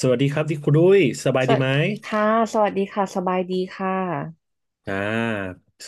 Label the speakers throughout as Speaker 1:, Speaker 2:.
Speaker 1: สวัสดีครับที่คุณดุ้ยสบาย
Speaker 2: ส
Speaker 1: ดี
Speaker 2: วัส
Speaker 1: ไหม
Speaker 2: ค่ะสวัสดีค่ะ สบายดีค่ะ
Speaker 1: อ่า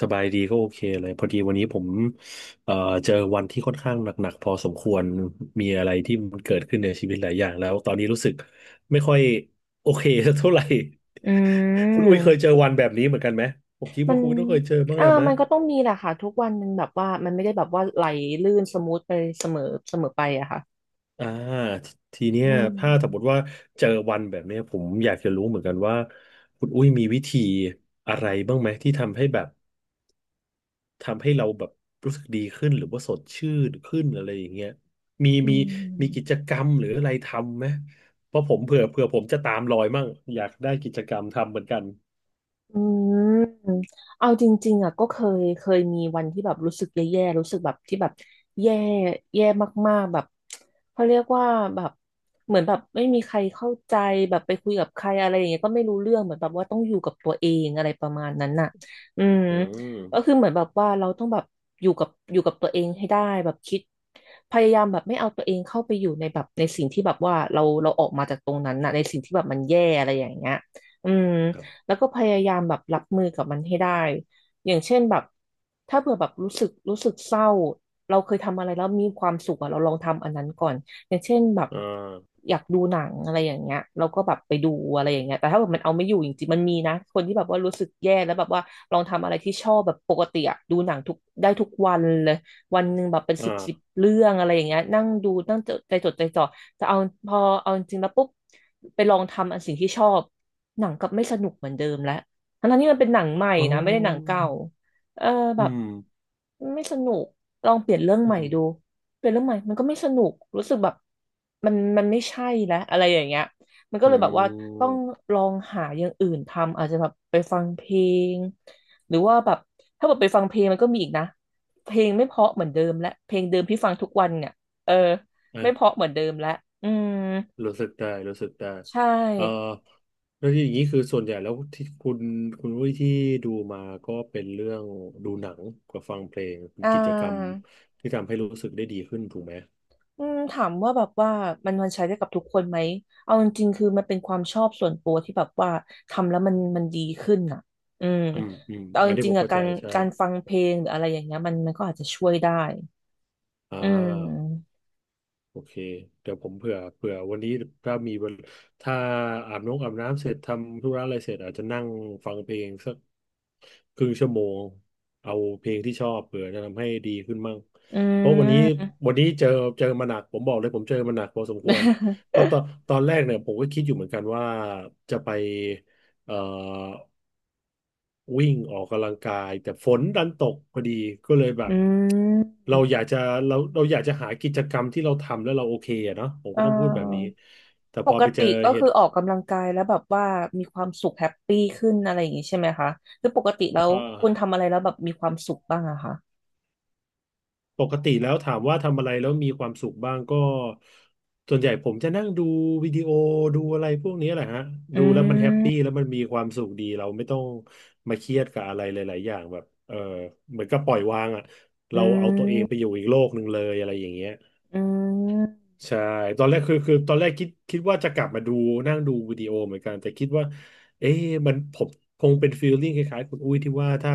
Speaker 1: สบายดีก็โอเคเลยพอดีวันนี้ผมเอ่อเจอวันที่ค่อนข้างหนักๆพอสมควรมีอะไรที่มันเกิดขึ้นในชีวิตหลายอย่างแล้วตอนนี้รู้สึกไม่ค่อยโอเคสักเท่าไหร่
Speaker 2: อื
Speaker 1: คุณอุ้ยเค
Speaker 2: ม
Speaker 1: ยเจอวันแบบนี้เหมือนกันไหมผมคิด
Speaker 2: มั
Speaker 1: ว่า
Speaker 2: น
Speaker 1: คุณต้องเคยเจอบ้างแหละมั้
Speaker 2: มั
Speaker 1: ย
Speaker 2: นก็ต้องมีแหละค่ะ ทุกวันมันแบบว่า มันไม่ได้แบบว่าไหลลื่นสมูทไปเสมอเสมอไปอะค่ะ
Speaker 1: อ่าททีเนี้
Speaker 2: อื
Speaker 1: ย
Speaker 2: ม
Speaker 1: ถ้าสมมติว่าเจอวันแบบเนี้ยผมอยากจะรู้เหมือนกันว่าคุณอุ้ยมีวิธีอะไรบ้างไหมที่ทำให้แบบ ทำให้เราแบบรู้สึกดีขึ้นหรือว่าสดชื่นขึ้นอะไรอย่างเงี้ยมี
Speaker 2: อื
Speaker 1: มีกิจ
Speaker 2: ม
Speaker 1: กรรมหรืออะไรทำไหม เพราะผมเผื่อผมจะตามรอยมั่งอยากได้กิจกรรมทำเหมือนกัน
Speaker 2: อืมเอาจริงๆอ่ะก็เคยมีวันที่แบบรู้สึกแย่ๆรู้สึกแบบที่แบบแย่แย่มากๆแบบเขาเรียกว่าแบบเหมือนแบบไม่มีใครเข้าใจแบบไปคุยกับใครอะไรอย่างเงี้ยก็ไม่รู้เรื่องเหมือนแบบว่าต้องอยู่กับตัวเองอะไรประมาณนั้นน่ะอืม
Speaker 1: อืม
Speaker 2: ก็คือเหมือนแบบว่าเราต้องแบบอยู่กับตัวเองให้ได้แบบคิดพยายามแบบไม่เอาตัวเองเข้าไปอยู่ในแบบในสิ่งที่แบบว่าเราออกมาจากตรงนั้นน่ะในสิ่งที่แบบมันแย่อะไรอย่างเงี้ยอืม
Speaker 1: ครับ
Speaker 2: แล้วก็พยายามแบบรับมือกับมันให้ได้ อย่างเช่นแบบถ้าเผื่อแบบรู้สึกเศร้าเราเคยทำอะไรแล้วมีความสุขอะเราลองทำอันนั้นก่อนอย่างเช่นแบบ
Speaker 1: อ่า
Speaker 2: อยากดูหนังอะไรอย่างเงี้ยเราก็แบบไปดูอะไรอย่างเงี้ยแต่ถ้าแบบมันเอาไม่อยู่จริงๆมันมีนะคนที่แบบว่ารู้สึกแย่แล้วแบบว่าลองทำอะไรที่ชอบแบบปกติอะดูหนังทุกได้ทุกวันเลย วันหนึ่งแบบเป็นสิบ
Speaker 1: อ่า
Speaker 2: เรื่องอะไรอย่างเงี้ยนั่งดูนั่งจดใจจดใจจ่อแต่เอาพอเอาจริงแล้วปุ๊บไปลองทำสิ่งที่ชอบหนังกลับไม่สนุกเหมือนเดิมแล้วทั้งๆที่มันเป็นหนังใหม่
Speaker 1: อ๋อ
Speaker 2: นะไม่ได้หนังเก่าเออแบ
Speaker 1: อื
Speaker 2: บ
Speaker 1: ม
Speaker 2: ไม่สนุกลองเปลี่ยนเรื่อง
Speaker 1: อื
Speaker 2: ใหม่
Speaker 1: ม
Speaker 2: ดูเปลี่ยนเรื่องใหม่มันก็ไม่สนุกรู้สึกแบบมันไม่ใช่แล้วอะไรอย่างเงี้ยมันก็
Speaker 1: อื
Speaker 2: เลยแบบว่าต้อง
Speaker 1: ม
Speaker 2: ลองหาอย่างอื่นทำอาจจะแบบไปฟังเพลงหรือว่าแบบถ้าแบบไปฟังเพลงมันก็มีอีกนะ เพลงไม่เพราะเหมือนเดิมและเพลงเดิมที่ฟังทุกวันเนี่ยเออไม่เพราะ
Speaker 1: อ่า
Speaker 2: เหมือนเดิมและอืม
Speaker 1: รู้สึกได้
Speaker 2: ใช
Speaker 1: เอ่อ
Speaker 2: ่
Speaker 1: แล้วอย่างนี้คือส่วนใหญ่แล้วที่คุณวุ้ยที่ดูมาก็เป็นเรื่องดูหนังกับฟังเพลงเป็น
Speaker 2: อ่
Speaker 1: กิจกรรม
Speaker 2: า
Speaker 1: ที่ทำให้รู้สึกได้ดีขึ้นถูกไหม
Speaker 2: อืมถามว่าแบบว่ามันใช้ได้กับทุกคนไหมเอาจริงๆคือมันเป็นความชอบส่วนตัวที่แบบว่าทำแล้วมันดีขึ้นอ่ะอืม
Speaker 1: อืมอืม
Speaker 2: แต่เอา
Speaker 1: อัน
Speaker 2: จ
Speaker 1: นี้
Speaker 2: ริ
Speaker 1: ผ
Speaker 2: ง
Speaker 1: ม
Speaker 2: ๆอ่ะ
Speaker 1: เข้า
Speaker 2: กา
Speaker 1: ใจ
Speaker 2: ร
Speaker 1: ใช่
Speaker 2: การฟังเพลงหรืออะไรอย่างเงี้ยมันมันก็อาจจะช่วยได้
Speaker 1: อ่
Speaker 2: อื
Speaker 1: า
Speaker 2: ม
Speaker 1: โอเคเดี๋ยวผมเผื่อวันนี้ถ้ามีเวลถ้าอาบน้ำเสร็จทำธุระอะไรเสร็จอาจจะนั่งฟังเพลงสัก ครึ่งชั่วโมงเอาเพลงที่ชอบเผื่อจะทำให้ดีขึ้นมั่ง
Speaker 2: อื
Speaker 1: เพราะวันนี้
Speaker 2: ม
Speaker 1: วันนี้เจอมาหนักผมบอกเลยผมเจอมาหนักพอสมควรเพราะ ตอนแรกเนี่ยผมก็คิดอยู่เหมือนกันว่าจะไปเอ่อวิ่งออกกำลังกายแต่ฝนดันตกพอดีก็เลยแบ
Speaker 2: อื
Speaker 1: บ
Speaker 2: ม
Speaker 1: เราอยากจะเราอยากจะหากิจกรรมที่เราทำแล้วเราโอเคอะเนาะผมก็
Speaker 2: อ่า
Speaker 1: ต้องพูดแบบนี้แต่
Speaker 2: ป
Speaker 1: พอ
Speaker 2: ก
Speaker 1: ไปเจ
Speaker 2: ติ
Speaker 1: อ
Speaker 2: ก็
Speaker 1: เห
Speaker 2: คือ
Speaker 1: ตุ
Speaker 2: ออกกำลังกายแล้วแบบว่ามีความสุขแฮปปี้ขึ้นอะไรอย่างงี้ใช่ไหมคะคือปกติแล้ว
Speaker 1: เอ่อ
Speaker 2: คุณทำอะไรแล้วแบบมีความสุขบ้างอะคะ
Speaker 1: ปกติแล้วถามว่าทำอะไรแล้วมีความสุขบ้างก็ส่วนใหญ่ผมจะนั่งดูวิดีโอดูอะไรพวกนี้แหละฮะดู
Speaker 2: อื
Speaker 1: แล้วมันแฮปปี้
Speaker 2: ม
Speaker 1: แล้วมันมีความสุขดีเราไม่ต้องมาเครียดกับอะไรหลายๆอย่างแบบเออเหมือนกับปล่อยวางอ่ะ
Speaker 2: อื
Speaker 1: เราเอาตัวเอง
Speaker 2: ม
Speaker 1: ไปอยู่อีกโลกหนึ่งเลยอะไรอย่างเงี้ย
Speaker 2: อืม
Speaker 1: ใช่ตอนแรกคือตอนแรกคิดว่าจะกลับมาดูนั่งดูวิดีโอเหมือนกันแต่คิดว่าเอ๊ะมันผมคงเป็นฟีลลิ่งคล้ายๆคุณอุ้ยที่ว่าถ้า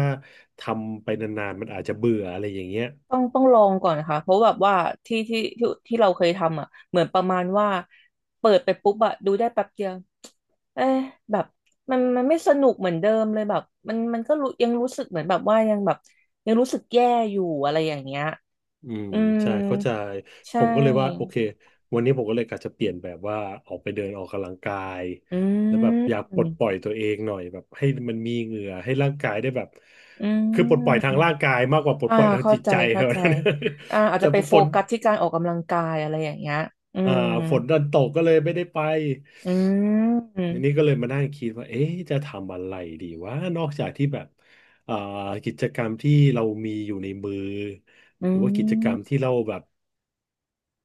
Speaker 1: ทำไปนานๆมันอาจจะเบื่ออะไรอย่างเงี้ย
Speaker 2: ต้องลองก่อนนะคะเพราะแบบว่าที่ที่เราเคยทำอะเหมือนประมาณว่าเปิดไปปุ๊บอะดูได้แป๊บเดียวเอ๊ะแบบมันไม่สนุกเหมือนเดิมเลยแบบมันมันก็รู้ยังรู้สึกเหมือนแบบว่ายังแบบยังรู้สึกแย่อยู่อะไรอย่างเงี้ย
Speaker 1: อืม
Speaker 2: อืม
Speaker 1: ใช่เข้าใจ
Speaker 2: ใช
Speaker 1: ผมก็เลยว่าโอ
Speaker 2: ่
Speaker 1: เควันนี้ผมก็เลยกะจะเปลี่ยนแบบว่าออกไปเดินออกกำลังกาย
Speaker 2: อื
Speaker 1: แล้วแบบอยา
Speaker 2: ม
Speaker 1: กปลดปล่อยตัวเองหน่อยแบบให้มันมีเหงื่อให้ร่างกายได้แบบ
Speaker 2: อื
Speaker 1: คือปลดปล่อยทา
Speaker 2: ม
Speaker 1: งร่างกายมากกว่าปลด
Speaker 2: อ่า
Speaker 1: ปล่อยทาง
Speaker 2: เข้า
Speaker 1: จิต
Speaker 2: ใจ
Speaker 1: ใจเหร
Speaker 2: เข้า
Speaker 1: อะ
Speaker 2: ใจอา จ
Speaker 1: แต่
Speaker 2: จะไปโฟ
Speaker 1: ฝน
Speaker 2: กัสที่การออกกำลังกายอะไรอย่างเงี้ยอื
Speaker 1: อ่า
Speaker 2: ม
Speaker 1: ฝนดันตกก็เลยไม่ได้ไป
Speaker 2: อืม
Speaker 1: อันนี้ก็เลยมานั่งคิดว่าเอ๊ะจะทำอะไรดีวะนอกจากที่แบบอ่ากิจกรรมที่เรามีอยู่ในมือ
Speaker 2: อื
Speaker 1: หรือว่ากิจกรรม
Speaker 2: ม
Speaker 1: ที่เราแบบ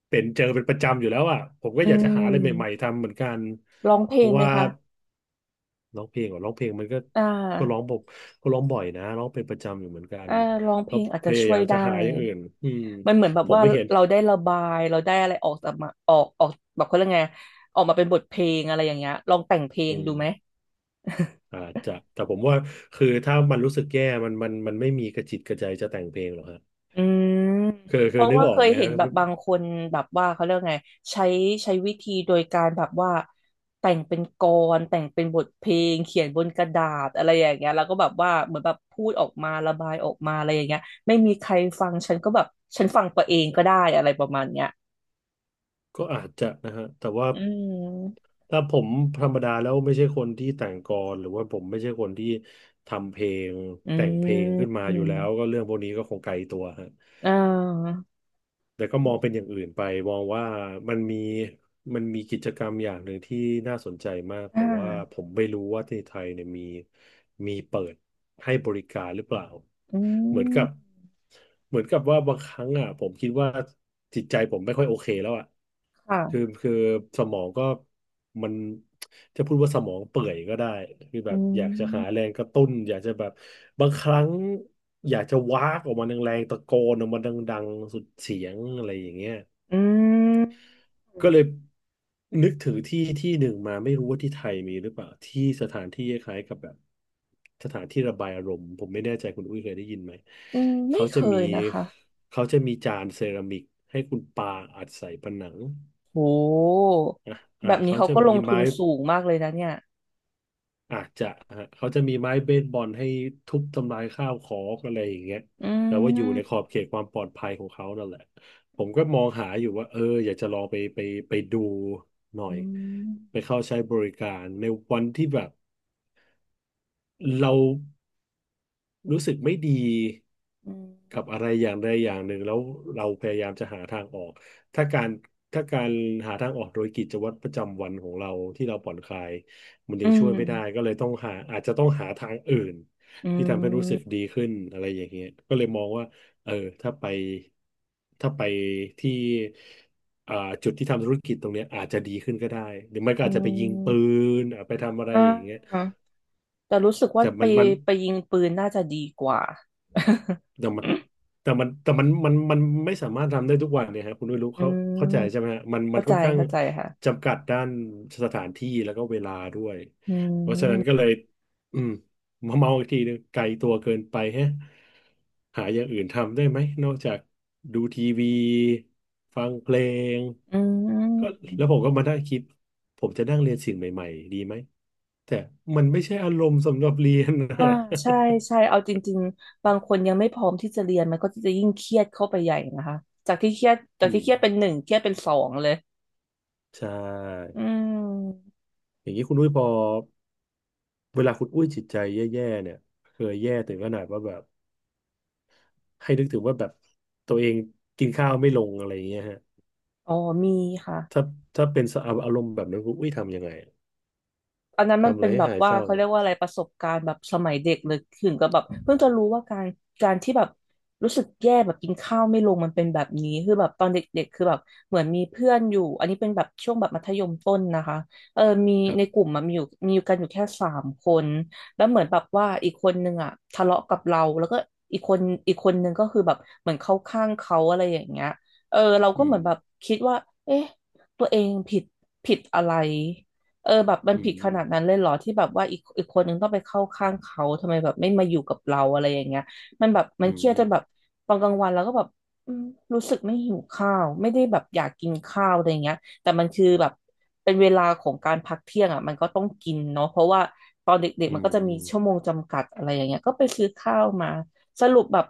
Speaker 1: เป็นเจอเป็นประจำอยู่แล้วอ่ะผมก็
Speaker 2: อื
Speaker 1: อยากจะหาอะไรใหม่ๆ
Speaker 2: ม
Speaker 1: ทำเหมือนกัน
Speaker 2: ร้องเพล
Speaker 1: เพ
Speaker 2: ง
Speaker 1: ราะ
Speaker 2: ไหม
Speaker 1: ว่า
Speaker 2: คะ
Speaker 1: ร้องเพลงอ่ะร้องเพลงมันก็
Speaker 2: อ่า
Speaker 1: ก็ร้องผมก็ร้องบ่อยนะร้องเป็นประจำอยู่เหมือนกัน
Speaker 2: อ่าร้องเพ
Speaker 1: ก็
Speaker 2: ลงอาจ
Speaker 1: พ
Speaker 2: จะ
Speaker 1: ยา
Speaker 2: ช่ว
Speaker 1: ยา
Speaker 2: ย
Speaker 1: ม
Speaker 2: ได้
Speaker 1: จะหาอย่างอื่นอืม
Speaker 2: มันเหมือนแบบ
Speaker 1: ผม
Speaker 2: ว่า
Speaker 1: ไม่เห็น
Speaker 2: เราได้ระบาย เราได้อะไรออกจากมาออกออกแบบเขาเรียกไงออกมาเป็นบทเพลงอะไรอย่างเงี้ยลองแต่งเพล
Speaker 1: อื
Speaker 2: ง
Speaker 1: ม
Speaker 2: ดูไหม
Speaker 1: อาจจะแต่ผมว่าคือถ้ามันรู้สึกแย่มันไม่มีกระจิตกระใจจะแต่งเพลงหรอกฮะ
Speaker 2: อืม
Speaker 1: คือ
Speaker 2: เพ
Speaker 1: คือ
Speaker 2: ราะ
Speaker 1: นึก
Speaker 2: ว่า
Speaker 1: ออ
Speaker 2: เค
Speaker 1: ก
Speaker 2: ย
Speaker 1: ไหม
Speaker 2: เห็
Speaker 1: ฮะ
Speaker 2: นแบบบางคนแบบว่าเขาเรียกไงใช้ใช้วิธีโดยการแบบว่าแต่งเป็นกลอนแต่งเป็นบทเพลงเขียนบนกระดาษอะไรอย่างเงี้ยแล้วก็แบบว่าเหมือนแบบพูดออกมาระบายออกมาอะไรอย่างเงี้ยไม่มีใครฟังฉันก็แบบฉันฟังตัวเองก็ได้อะไรประมาณเนี้ย
Speaker 1: ก็อาจจะนะฮะแต่ว่า
Speaker 2: อืม
Speaker 1: ถ้าผมธรรมดาแล้วไม่ใช่คนที่แต่งกลอนหรือว่าผมไม่ใช่คนที่ทำเพลง
Speaker 2: อื
Speaker 1: แต่งเพลงขึ้นมา
Speaker 2: ม
Speaker 1: อยู่แล้วก็เรื่องพวกนี้ก็คงไกลตัวฮะ
Speaker 2: อ่า
Speaker 1: แต่ก็มองเป็นอย่างอื่นไปมองว่ามันมีมันมีกิจกรรมอย่างหนึ่งที่น่าสนใจมาก
Speaker 2: อ่
Speaker 1: แต่ว่าผ
Speaker 2: า
Speaker 1: มไม่รู้ว่าที่ไทยเนี่ยมีเปิดให้บริการหรือเปล่า
Speaker 2: อื
Speaker 1: เหมือน
Speaker 2: ม
Speaker 1: กับเหมือนกับว่าบางครั้งอ่ะผมคิดว่าจิตใจผมไม่ค่อยโอเคแล้วอ่ะคือ
Speaker 2: ค่ะ
Speaker 1: คือสมองก็ มันจะพูดว่าสมองเปื่อยก็ได้คือแบ
Speaker 2: อื
Speaker 1: บอยากจะหาแร
Speaker 2: ม
Speaker 1: งกระตุ้นอยากจะแบบบางครั้งอยากจะวากออกมาแรงๆตะโกนออกมาดังๆสุดเสียงอะไรอย่างเงี้ย
Speaker 2: อืม
Speaker 1: ก็เลยนึกถึงที่ที่หนึ่งมาไม่รู้ว่าที่ไทยมีหรือเปล่าที่สถานที่คล้ายๆกับแบบสถานที่ระบายอารมณ์ผมไม่แน่ใจคุณอุ้ยเคยได้ยินไหม
Speaker 2: อืมไม่
Speaker 1: เขา
Speaker 2: เค
Speaker 1: จะมี
Speaker 2: ยนะคะ
Speaker 1: เขาจะมีจานเซรามิกให้คุณปาอัดใส่ผนัง
Speaker 2: โห
Speaker 1: อ่ะอ่า
Speaker 2: แบบนี้
Speaker 1: เขา
Speaker 2: เขา
Speaker 1: จะ
Speaker 2: ก็ล
Speaker 1: มี
Speaker 2: งทุ
Speaker 1: ไม้
Speaker 2: นสูงมากเลยนะเนี่ย
Speaker 1: อาจจะฮะเขาจะมีไม้เบสบอลให้ทุบทำลายข้าวของอะไรอย่างเงี้ย
Speaker 2: อื
Speaker 1: แต่ว่าอยู่ในขอบ
Speaker 2: ม
Speaker 1: เขตความปลอดภัยของเขานั่นแหละผมก็มองหาอยู่ว่าเอออยากจะลองไปไปดูหน่อ
Speaker 2: อื
Speaker 1: ย
Speaker 2: ม
Speaker 1: ไปเข้าใช้บริการในวันที่แบบ เรารู้สึกไม่ดี
Speaker 2: อืม
Speaker 1: กับอะไรอย่างใดอย่างหนึ่งแล้วเราพยายามจะหาทางออกถ้าการถ้าการหาทางออกโดยกิจวัตรประจำวันของเราที่เราผ่อนคลายมัน
Speaker 2: อื
Speaker 1: ยังช่วย
Speaker 2: ม
Speaker 1: ไม่ได้ก็เลยต้องหาอาจจะต้องหาทางอื่น
Speaker 2: อื
Speaker 1: ที่ทำให้รู้สึก
Speaker 2: ม
Speaker 1: ดีขึ้นอะไรอย่างเงี้ยก็เลยมองว่าเออถ้าไปถ้าไปที่อ่าจุดที่ทำธุรกิจตรงเนี้ยอาจจะดีขึ้นก็ได้หรือไม่ก็
Speaker 2: อื
Speaker 1: อาจจะไปยิงปื
Speaker 2: ม
Speaker 1: นอ่ะไปทำอะไร
Speaker 2: อ่า
Speaker 1: อย่างเงี้ย
Speaker 2: แต่รู้สึกว่า
Speaker 1: แต่
Speaker 2: ไป
Speaker 1: มันมัน
Speaker 2: ยิงปืนน่าจะดีกว่า
Speaker 1: แต่ มันแต่มันแต่มันมันมันไม่สามารถทำได้ทุกวันเนี่ยฮะคุณไม่รู้
Speaker 2: อื
Speaker 1: เขาเข้าใจ
Speaker 2: ม
Speaker 1: ใช่ไหมฮะมันมั
Speaker 2: เข้า
Speaker 1: น
Speaker 2: ใจ
Speaker 1: ค่อนข้าง
Speaker 2: เข้าใจค่ะ
Speaker 1: จำกัดด้านสถานที่แล้วก็เวลาด้วย
Speaker 2: อื
Speaker 1: เพราะฉะนั้นก็เล
Speaker 2: ม
Speaker 1: ยอืมมาเมาอีกทีนึงไกลตัวเกินไปแฮะหาอย่างอื่นทำได้ไหมนอกจากดูทีวีฟังเพลง
Speaker 2: อื
Speaker 1: ก็แล้
Speaker 2: ม
Speaker 1: วผมก็มานั่งคิดผมจะนั่งเรียนสิ่งใหม่ๆดีไหมแต่มันไม่ใช่อารมณ์สำหรับเรียนนะ
Speaker 2: อ่าใช่ใช่ เอาจริงๆบางคนยังไม่พร้อมที่จะเรียนมันก็จะยิ่งเครียดเข้าไปใหญ่นะคะ จากที่เครียด จาก
Speaker 1: อื
Speaker 2: ที่
Speaker 1: ม
Speaker 2: เครียดเป็นหนึ่งเครียดเป็นสองเลย
Speaker 1: ใช่
Speaker 2: อืม
Speaker 1: อย่างนี้คุณอุ้ยพอเวลาคุณอุ้ยจิตใจแย่ๆเนี่ยเคยแย่ถึงขนาดว่าแบบให้นึกถึงว่าแบบตัวเองกินข้าวไม่ลงอะไรอย่างเงี้ยฮะ
Speaker 2: อ๋อมีค่ะ
Speaker 1: ถ้า ถ้าเป็นสภาพอารมณ์แบบนั้นคุณอุ้ยทำยังไง
Speaker 2: อันนั้นมัน
Speaker 1: ทำอะ
Speaker 2: เป็
Speaker 1: ไร
Speaker 2: น
Speaker 1: ให้
Speaker 2: แบบ
Speaker 1: หาย
Speaker 2: ว่า
Speaker 1: เศร้า
Speaker 2: เขาเรีย
Speaker 1: อะ
Speaker 2: กว่าอะไรประสบการณ์แบบสมัยเด็กเลยถึงกับแบบเพิ่งจะรู้ว่าการที่แบบรู้สึกแย่แบบกินข้าวไม่ลงมันเป็นแบบนี้คือแบบตอนเด็กๆคือแบบเหมือนมีเพื่อนอยู่อันนี้เป็นแบบช่วงแบบมัธยมต้นนะคะเออมี
Speaker 1: ครับ
Speaker 2: ในกลุ่มมันมีอยู่กันอยู่แค่สามคนแล้วเหมือนแบบว่าอีกคนนึงอ่ะทะเลาะกับเราแล้วก็อีกคนอีกคนนึงก็คือแบบเหมือนเข้าข้างเขาอะไรอย่างเงี้ยเออเรา
Speaker 1: อื
Speaker 2: ก็เหมื
Speaker 1: ม
Speaker 2: อนแบบคิดว่าเอ๊ะตัวเองผิดผิดอะไร เออแบบมัน
Speaker 1: อื
Speaker 2: ผิดขนาดนั้น
Speaker 1: ม
Speaker 2: เลยเหรอที่แบบว่าอีกคนนึงต้องไปเข้าข้างเขาทำไมแบบไม่มาอยู่กับเราอะไรอย่างเงี้ยมันแบบมั
Speaker 1: อื
Speaker 2: นเครียดจนแบบ
Speaker 1: ม
Speaker 2: ตอนกลางวันแล้วก็แบบอืมรู้สึกไม่หิวข้าวไม่ได้แบบอยากกินข้าวอะไรเงี้ยแต่มันคือแบบเป็นเวลาของการพักเที่ยงอ่ะมันก็ต้องกินเนาะเพราะว่าตอนเด็ก
Speaker 1: อื
Speaker 2: ๆมันก็จะมีชั่วโม
Speaker 1: ม
Speaker 2: งจำกัดอะไรอย่างเงี้ยก็ไปซื้อข้าวมาสรุปแบบ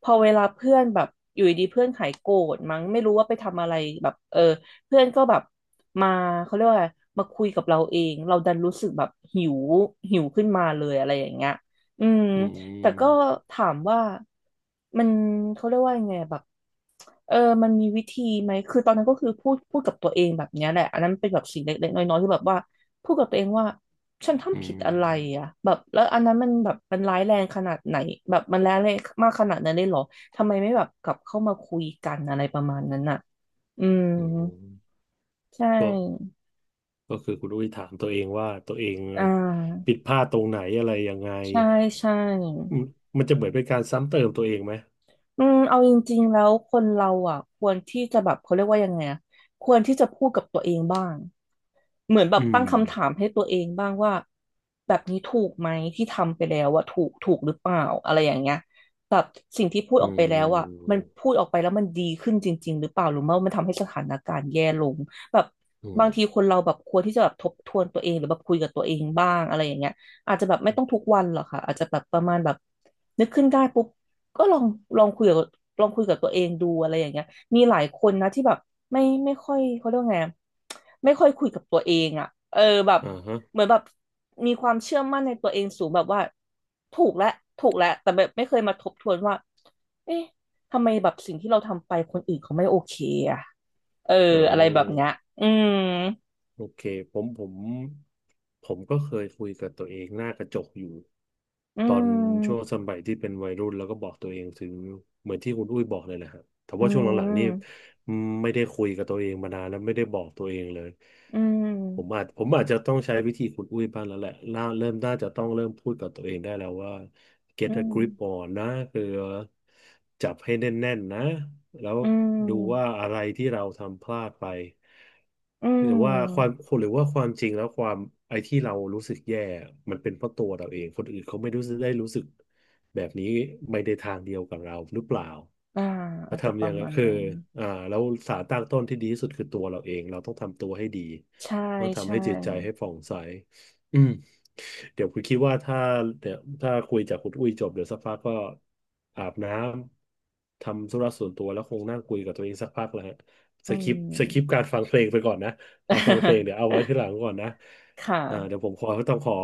Speaker 2: พอเวลาเพื่อนแบบอยู่ดีๆเพื่อนหายโกรธมั้งไม่รู้ว่าไปทำอะไรแบบเออ เพื่อนก็แบบมาเขาเรียกว่าอะไรมาคุยกับเราเองเราดันรู้สึกแบบหิวขึ้นมาเลยอะไรอย่างเงี้ยอืม
Speaker 1: อื
Speaker 2: แต่ก็
Speaker 1: ม
Speaker 2: ถามว่ามันเขาเรียกว่ายังไงแบบเออมันมีวิธีไหมคือตอนนั้นก็คือพูดกับตัวเองแบบเนี้ยแหละอันนั้นเป็นแบบสิ่งเล็กๆน้อยๆที่แบบว่าพูดกับตัวเองว่าฉัน
Speaker 1: อื
Speaker 2: ทำผิดอะไรอ่ะ
Speaker 1: ม
Speaker 2: แบบแล้วอันนั้นมันแบบมันร้ายแรงขนาดไหนแบบมันร้ายแรงมากขนาดนั้นเลยเหรอทำไมไม่แบบกลับเข้ามาคุยกันอะไรประมาณนั้นอ่ะอืม
Speaker 1: อืม
Speaker 2: ใช่
Speaker 1: ก็ก็คือคุณอุ้ยถามตัวเองว่าตัวเอง
Speaker 2: อ่า
Speaker 1: ผิดพลาดตรงไหนอะไรยังไง
Speaker 2: ใช่ใช่
Speaker 1: อืมมันจะเหมือนเป็นการซ้ำเติมตัวเองไหม
Speaker 2: อืมเอาจริงๆแล้วคนเราอ่ะควรที่จะแบบเขาเรียกว่ายังไงอะควรที่จะพูดกับตัวเองบ้างเหมือนแบ
Speaker 1: อื
Speaker 2: บตั้ง
Speaker 1: ม
Speaker 2: คำถามให้ตัวเองบ้างว่าแบบนี้ถูกไหมที่ทำไปแล้วอะถูกหรือเปล่าอะไรอย่างเงี้ยแบบสิ่งที่พูด
Speaker 1: อ
Speaker 2: ออกไปแล้ว
Speaker 1: ื
Speaker 2: อ่ะมัน
Speaker 1: ม
Speaker 2: พูดออกไปแล้วมันดีขึ้นจริงๆหรือเปล่าหรือว่ามันทำให้สถานการณ์แย่ลงแบบ
Speaker 1: อืม
Speaker 2: บางทีคนเราแบบควรที่จะแบบทบทวนตัวเองหรือแบบคุยกับตัวเองบ้างอะไรอย่างเงี้ยอาจจะแบบไม่ต้องทุกวันหรอกค่ะอาจจะแบบประมาณแบบนึกขึ้นได้ปุ๊บ ก็ลองลองคุยกับลองคุยกับตัวเองดูอะไรอย่างเงี้ยมีหลายคนนะที่แบบไม่ค่อยเขาเรียกว่าไงอะไม่ค่อยคุยกับตัวเองอ่ะเออแบบ
Speaker 1: อ่าฮะ
Speaker 2: เหมือนแบบมีความเชื่อมั่นในตัวเองสูงแบบว่าถูกแล้วถูกแล้วแต่แบบไม่เคยมาทบทวนว่าเอ๊ะทำไมแบบสิ่งที่เราทำไปคนอื่นเขาไม่โอเคอ่ะเออ
Speaker 1: อ๋
Speaker 2: อะไรแบบเนี้ย
Speaker 1: อ
Speaker 2: อืม
Speaker 1: โอเคผมผมผมก็เคยคุยกับตัวเองหน้ากระจกอยู่
Speaker 2: อื
Speaker 1: ตอนช่วง
Speaker 2: ม
Speaker 1: สมัยที่เป็นวัยรุ่นแล้วก็บอกตัวเองถึงเหมือนที่คุณอุ้ยบอกเลยแหละฮะแต่
Speaker 2: อื
Speaker 1: ว่าช่วงหลังๆนี่
Speaker 2: ม
Speaker 1: ไม่ได้คุยกับตัวเองมานานแล้วไม่ได้บอกตัวเองเลย
Speaker 2: อื
Speaker 1: ผม
Speaker 2: ม
Speaker 1: อาจผมอาจจะต้องใช้วิธีคุณอุ้ยบ้างแล้วแหละน่าเริ่มน่าจะต้องเริ่มพูดกับตัวเองได้แล้วว่า get
Speaker 2: อื
Speaker 1: a
Speaker 2: ม
Speaker 1: grip on นะคือจับให้แน่นๆนะแล้ว
Speaker 2: อื
Speaker 1: ดูว่า
Speaker 2: ม
Speaker 1: อะไรที่เราทำพลาดไป
Speaker 2: อื
Speaker 1: หรือว่าความ
Speaker 2: ม
Speaker 1: หรือว่าความจริงแล้วความไอ้ที่เรารู้สึกแย่มันเป็นเพราะตัวเราเองคนอื่นเขาไม่รู้สึกได้รู้สึก แบบนี้ไม่ได้ทางเดียวกับเราหรือเปล่า
Speaker 2: อ่า
Speaker 1: แล้
Speaker 2: อา
Speaker 1: ว
Speaker 2: จจะป
Speaker 1: ทำ
Speaker 2: ระ
Speaker 1: ยังไง
Speaker 2: มาณ
Speaker 1: คือ
Speaker 2: นั้น
Speaker 1: อ่าแล้วสารตั้งต้นที่ดีที่สุดคือตัวเราเอง เราต้องทำตัวให้ดี
Speaker 2: ใช่
Speaker 1: ต้องทำ
Speaker 2: ใช่
Speaker 1: ให้จิตใจให้ผ่องใสอืมเดี๋ยวคุณคิดว่าถ้าเดี๋ยวถ้าคุยจากคุณอุ้ยจบเดี๋ยวสักพักก็อาบน้ำ ทำธุระส่วนตัวแล้วคงนั่งคุยกับตัวเองสักพักแล้วฮะส
Speaker 2: อืม
Speaker 1: คิปสคิปการฟังเพลงไปก่อนนะการฟังเพลงเดี๋ย วเอาไว้ที่หลังก่อนนะ
Speaker 2: ค่ะ
Speaker 1: อ่าเดี๋ยวผมขอต้องขอ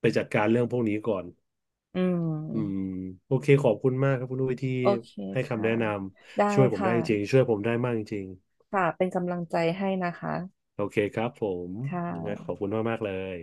Speaker 1: ไปจัดการเรื่องพวกนี้ก่อน
Speaker 2: อื
Speaker 1: อืม
Speaker 2: ม
Speaker 1: โอเคขอบคุณมากครับคุณอุ้ยที่
Speaker 2: โอเค
Speaker 1: ให้คำ
Speaker 2: ค่ะ
Speaker 1: แนะนำ
Speaker 2: ได้
Speaker 1: ช่วยผมได้
Speaker 2: ค่ะ
Speaker 1: จริงๆช่วยผมได้มากจริง
Speaker 2: ค่ะเป็นกำลังใจให้นะคะ
Speaker 1: ๆโอเคครับผม
Speaker 2: ค่
Speaker 1: ยังไงขอ
Speaker 2: ะ
Speaker 1: บคุณมากๆเลย